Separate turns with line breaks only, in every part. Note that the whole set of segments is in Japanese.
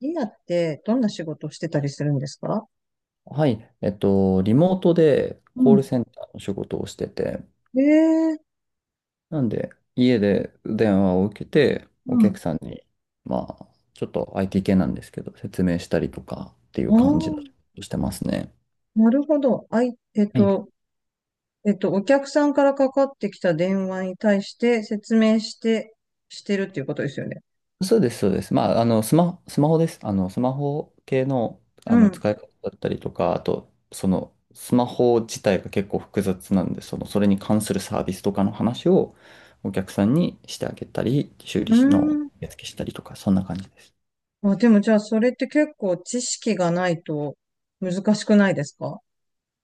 今ってどんな仕事をしてたりするんですか？
はい、リモートで
う
コール
ん、
センターの仕事をしてて、
ええ。
なんで家で電話を受けて、
う
お
ん。
客さんに、まあ、ちょっと IT 系なんですけど、説明したりとかっていう
あ
感じの仕事をしてますね。
あ、なるほど。あい、
はい、
お客さんからかかってきた電話に対して説明して、してるっていうことですよね。
そうです、そうです。まあ、あの、スマホです。あの、スマホ系の、
う
あの、
ん。
使い方だったりとか、あと、その、スマホ自体が結構複雑なんで、その、それに関するサービスとかの話をお客さんにしてあげたり、修
う
理の
ーん。
やつけしたりとか、そんな感じです。
あ、でもじゃあ、それって結構知識がないと難しくないですか？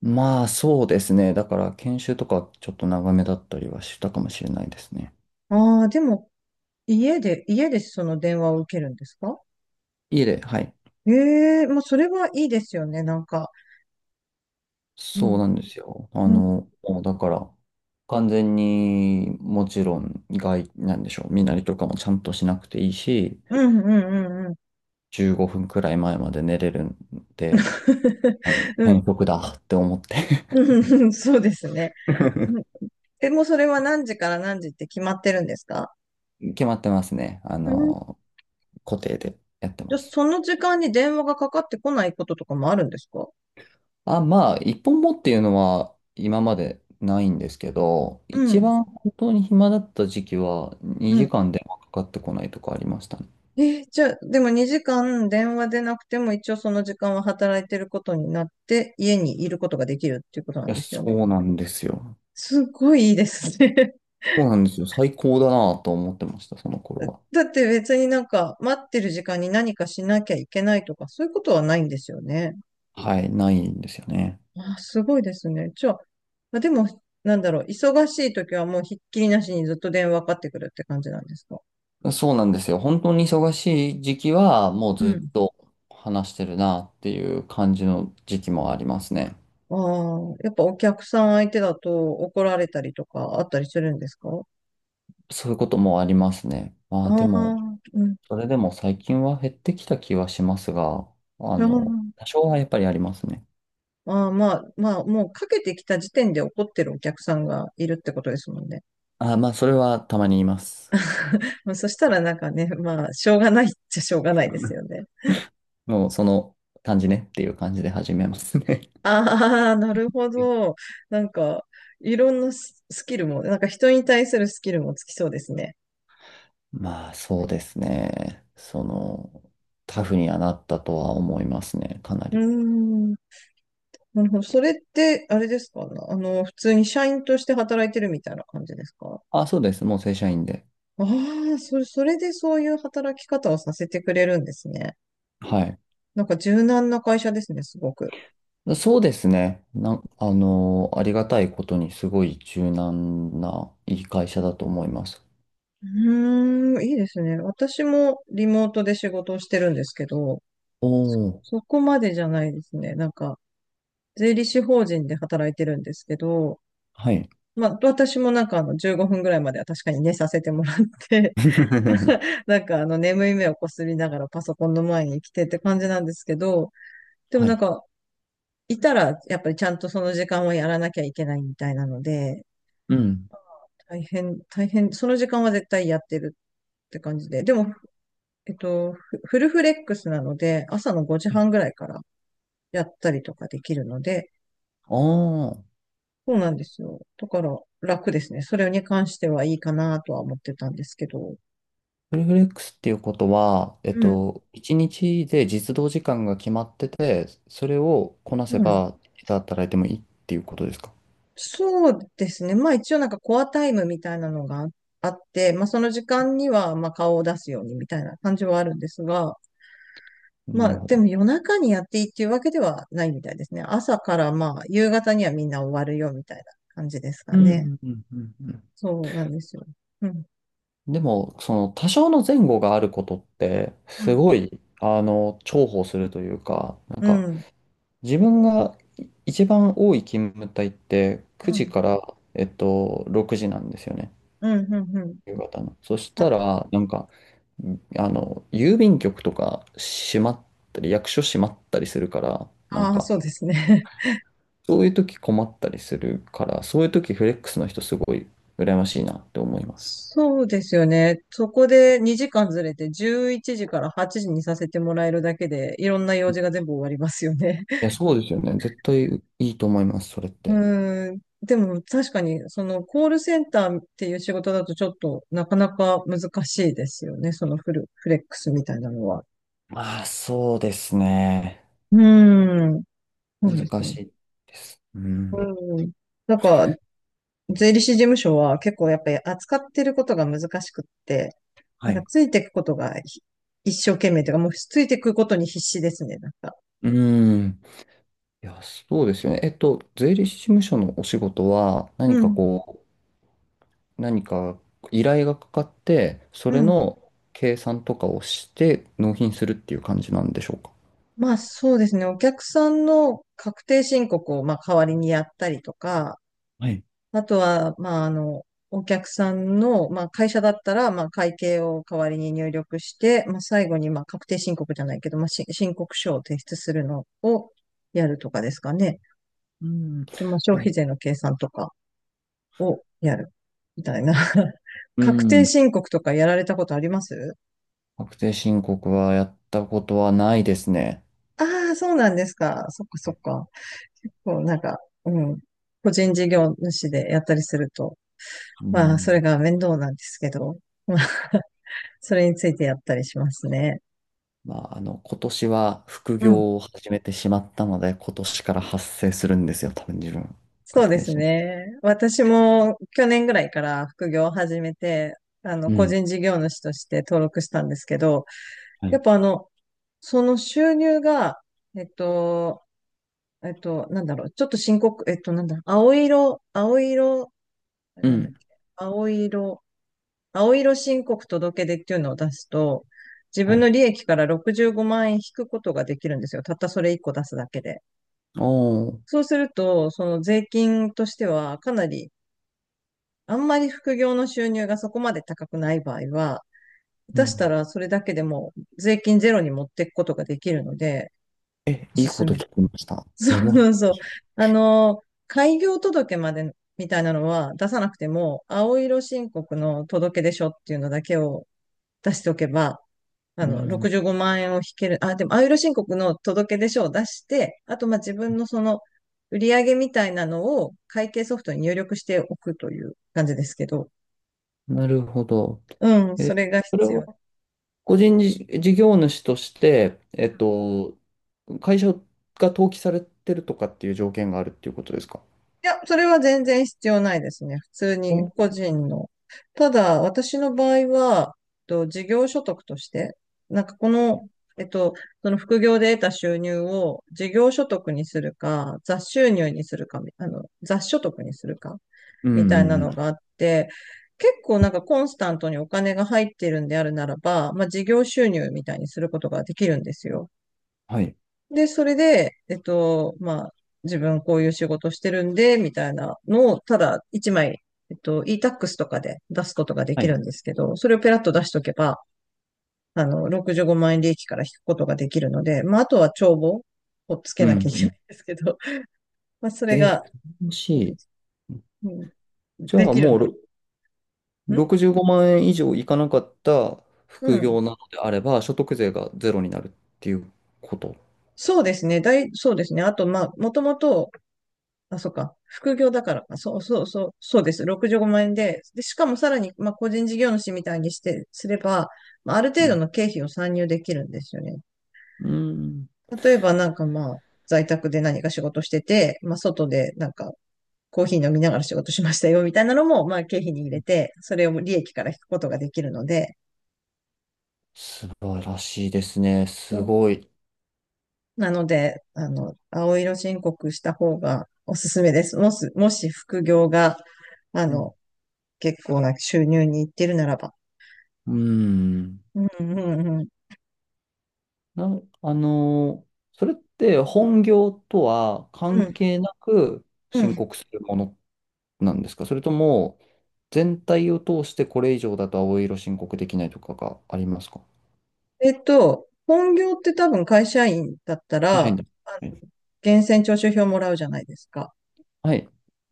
まあ、そうですね。だから、研修とかちょっと長めだったりはしたかもしれないですね。
ああ、でも、家でその電話を受けるんですか？
いいえ、はい。
ええ、まあ、それはいいですよね、なんか。う
そう
ん。
なんですよ。あ
うん、
の、もうだから、完全にもちろん外、なんでしょう、身なりとかもちゃんとしなくていいし、
うん、うん、うん、
15分くらい前まで寝れるんで、あの、
う
変
ん。
則だって思って。
うん、そうですね。うん。え、もうそれは何時から何時って決まってるんですか？
決まってますね。あ
うん。
の、固定でやって
じゃあ、
ます。
その時間に電話がかかってこないこととかもあるんですか？
あ、まあ、一本もっていうのは今までないんですけど、
う
一
ん。
番本当に暇だった時期は
うん。
2時間電話かかってこないとかありましたね。い
え、じゃあ、でも2時間電話でなくても一応その時間は働いてることになって、家にいることができるっていうことなん
や、
ですよ
そ
ね。
うなんですよ。
すごいいいですね。
そうなんですよ。最高だなと思ってました、その頃 は。
だって別になんか待ってる時間に何かしなきゃいけないとかそういうことはないんですよね。
はい、ないんですよね。
あ、すごいですね。じゃあ、まあでも、なんだろう、忙しい時はもうひっきりなしにずっと電話かかってくるって感じなんですか？
そうなんですよ。本当に忙しい時期は、もう
う
ず
ん。
っと話してるなっていう感じの時期もありますね。
ああ、やっぱお客さん相手だと怒られたりとかあったりするんですか？
そういうこともありますね。まあ
あ
でも、
あ、うん。
それでも最近は減ってきた気はしますが、あの、
あ
多少はやっぱりありますね。
あ、ああ、まあ、もうかけてきた時点で怒ってるお客さんがいるってことですもんね。
あ、まあそれはたまに言います。
まあそしたらなんかね、まあ、しょうがないっちゃしょうがないですよね。
もうその感じねっていう感じで始めますね。
ああ、なるほ ど。なんか、いろんなススキルも、なんか人に対するスキルもつきそうですね。
まあそうですね。その、タフにはなったとは思いますね、かな
う
り。
ーん。なるほど。それって、あれですかね。あの、普通に社員として働いてるみたいな感じですか？
あ、そうです。もう正社員で。
ああ、それでそういう働き方をさせてくれるんですね。
はい。
なんか柔軟な会社ですね、すごく。
そうですね。あの、ありがたいことにすごい柔軟ないい会社だと思います。
うーん、いいですね。私もリモートで仕事をしてるんですけど、
おお、
そこまでじゃないですね。なんか、税理士法人で働いてるんですけど、
はい。
まあ、私もなんかあの15分ぐらいまでは確かに寝させてもらって、 なんかあの眠い目をこすりながらパソコンの前に来てって感じなんですけど、でも
は
なん
い。
かいたらやっぱりちゃんとその時間はやらなきゃいけないみたいなので、
うん。
大変、その時間は絶対やってるって感じで、でも、フフルフレックスなので、朝の5時半ぐらいからやったりとかできるので、
ああ、
そうなんですよ。だから楽ですね。それに関してはいいかなとは思ってたんですけど、
フルフレックスっていうことは、
うん、
1日で実働時間が決まってて、それをこなせ
うん。
ば、いつ働いてもいいっていうことですか？
そうですね。まあ一応なんかコアタイムみたいなのがあって、まあその時間にはまあ顔を出すようにみたいな感じはあるんですが、ま
なる
あ
ほ
でも
ど。
夜中にやっていいっていうわけではないみたいですね。朝からまあ夕方にはみんな終わるよみたいな感じですか
うん、
ね。
うん、うん、う
そうなんですよ。うん。
ん。でも、その多少の前後があることって、
う
す
ん。
ごい、あの、重宝するというか、なん
う
か、
ん。
自分がい一番多い勤務帯って、9
う
時
ん。
から、6時なんですよね、
うん。うん。うん。
夕方の。そしたら、なんか、あの、郵便局とか閉まったり、役所閉まったりするから、なん
ああ、
か、
そうですね。
そういう時困ったりするから、そういう時フレックスの人すごい羨ましいなって思い ます。
そうですよね。そこで2時間ずれて11時から8時にさせてもらえるだけで、いろんな用事が全部終わりますよね。
いや、そうですよね。絶対いいと思います、それって。
うーん。でも確かに、そのコールセンターっていう仕事だとちょっとなかなか難しいですよね。そのフル、フレックスみたいなのは。
まあ、そうですね。
うーん。そうです
難
ね。
しいです。うん。
うん。なんか、税理士事務所は結構やっぱり扱ってることが難しくって、
は
なんか
い。
ついていくことが一生懸命というか、もうついていくことに必死ですね、なんか。
うん。いや、そうですよね。税理士事務所のお仕事は、何
う
か
ん。
こう、何か依頼がかかって、そ
う
れ
ん。
の計算とかをして、納品するっていう感じなんでしょうか？
まあそうですね。お客さんの確定申告をまあ代わりにやったりとか、
はい。
あとは、まあ、あの、お客さんの、まあ、会社だったら、まあ、会計を代わりに入力して、まあ、最後に、まあ、確定申告じゃないけど、まあ、申告書を提出するのをやるとかですかね。
うん。
と、まあ、消
な
費税の計算とかをやるみたいな。
う
確定
ん。
申告とかやられたことあります？
確定申告はやったことはないですね。
ああー、そうなんですか。そっかそっか。結構なんか、うん。個人事業主でやったりすると、
う
まあ、それ
ん。
が面倒なんですけど。まあそれについてやったりしますね。
まあ、あの、今年は副
うん。
業を始めてしまったので、今年から発生するんですよ、多分自分。
そう
確
で
定
す
し。
ね。私も去年ぐらいから副業を始めて、あの、
う
個
ん。
人事業主として登録したんですけど、
は
や
い。
っぱあの、その収入が、えっと、なんだろう、ちょっと深刻、えっと、なんだ、青色、青色、
う
なんだっ
ん。
け、青色、青色申告届出っていうのを出すと、自
は
分
い。
の利益から65万円引くことができるんですよ。たったそれ1個出すだけで。
おー。
そうすると、その税金としてはかなり、あんまり副業の収入がそこまで高くない場合は、
う
下手し
ん。
たらそれだけでも税金ゼロに持っていくことができるので、
え、
お
いい
す
こ
す
と聞
め。
きました。メ
そう
モ。
そうそう。あの、開業届までみたいなのは出さなくても、青色申告の届出書っていうのだけを出しておけば、あ
う
の、
ん。
65万円を引ける。あ、でも、あゆる申告の届出書を出して、あと、まあ、自分のその、売上みたいなのを会計ソフトに入力しておくという感じですけど。
なるほど。
うん、そ
え、
れが
それ
必
は、
要。い
個人事事業主として、会社が登記されてるとかっていう条件があるっていうことですか？
や、それは全然必要ないですね。普通
お、
に
う
個
ん
人の。ただ、私の場合は、えっと、事業所得として、なんかこの、えっと、その副業で得た収入を事業所得にするか、雑収入にするか、あの、雑所得にするか
う
みたい
ん
な
う
のが
ん。
あって、結構なんかコンスタントにお金が入ってるんであるならば、まあ事業収入みたいにすることができるんですよ。
はい。
で、それで、えっと、まあ自分こういう仕事してるんで、みたいなのをただ一枚、えっと、e-tax とかで出すことがで
は
き
い。
るんですけど、それをペラッと出しとけば、あの、65万円利益から引くことができるので、まああとは帳簿をつ
う
け
ん
な
う
きゃいけ
ん。
ないんですけど、まあそれ
えー、
が、
楽しい。
うん、
じゃ
で
あ
きる
もう
な。
ろ
ん、
65万円以上いかなかった
う
副
ん。
業なのであれば、所得税がゼロになるっていうこと。
そうですね。そうですね。あと、まあ、もともと、あ、そっか、副業だからか、そうそうそう、そうです。65万円で、しかもさらに、まあ、個人事業主みたいにすれば、まあ、ある
う
程度
ん。
の経費を参入できるんですよね。
うん。
例えば、なんかまあ、在宅で何か仕事してて、まあ、外で、なんか、コーヒー飲みながら仕事しましたよ、みたいなのも、まあ、経費に入れて、それを利益から引くことができるので、
素晴らしいですね。すごい。
なので、あの、青色申告した方がおすすめです。もし副業が、あ
うん。
の、結構な収入にいってるならば。
うん
うん、うん、うん。
な、あのーそれって本業とは
う
関
ん、
係なく
う
申
ん。
告するものなんですか？それとも全体を通してこれ以上だと青色申告できないとかがありますか？
えっと、本業って多分会社員だった
会社員
ら、
だ。
あ
は
の、
い。
源泉徴収票もらうじゃないですか。
はい、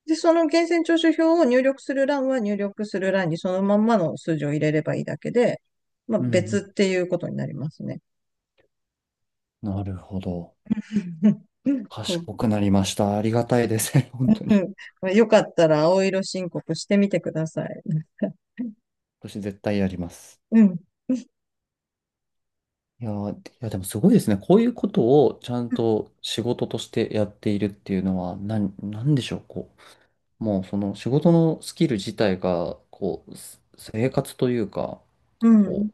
で、その源泉徴収票を入力する欄にそのまんまの数字を入れればいいだけで、まあ
う
別
ん
っていうことになりますね。
うん。なるほど。賢くなりました。ありがたいですね。
う
本当に。
ん。まあよかったら青色申告してみてください。
私絶対やります。
うん。
いやー、いやでもすごいですね。こういうことをちゃんと仕事としてやっているっていうのは、なんでしょう。こう、もうその仕事のスキル自体が、こう、す生活というか、
う
こ
ん。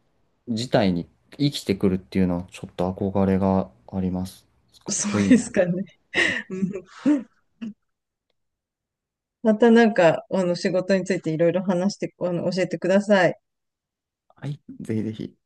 う、自体に生きてくるっていうのは、ちょっと憧れがあります。かっ
そ
こ
う
いい
です
な。
かね。
はい。
うん。またなんか、あの、仕事についていろいろ話して、あの、教えてください。
はい、ぜひぜひ。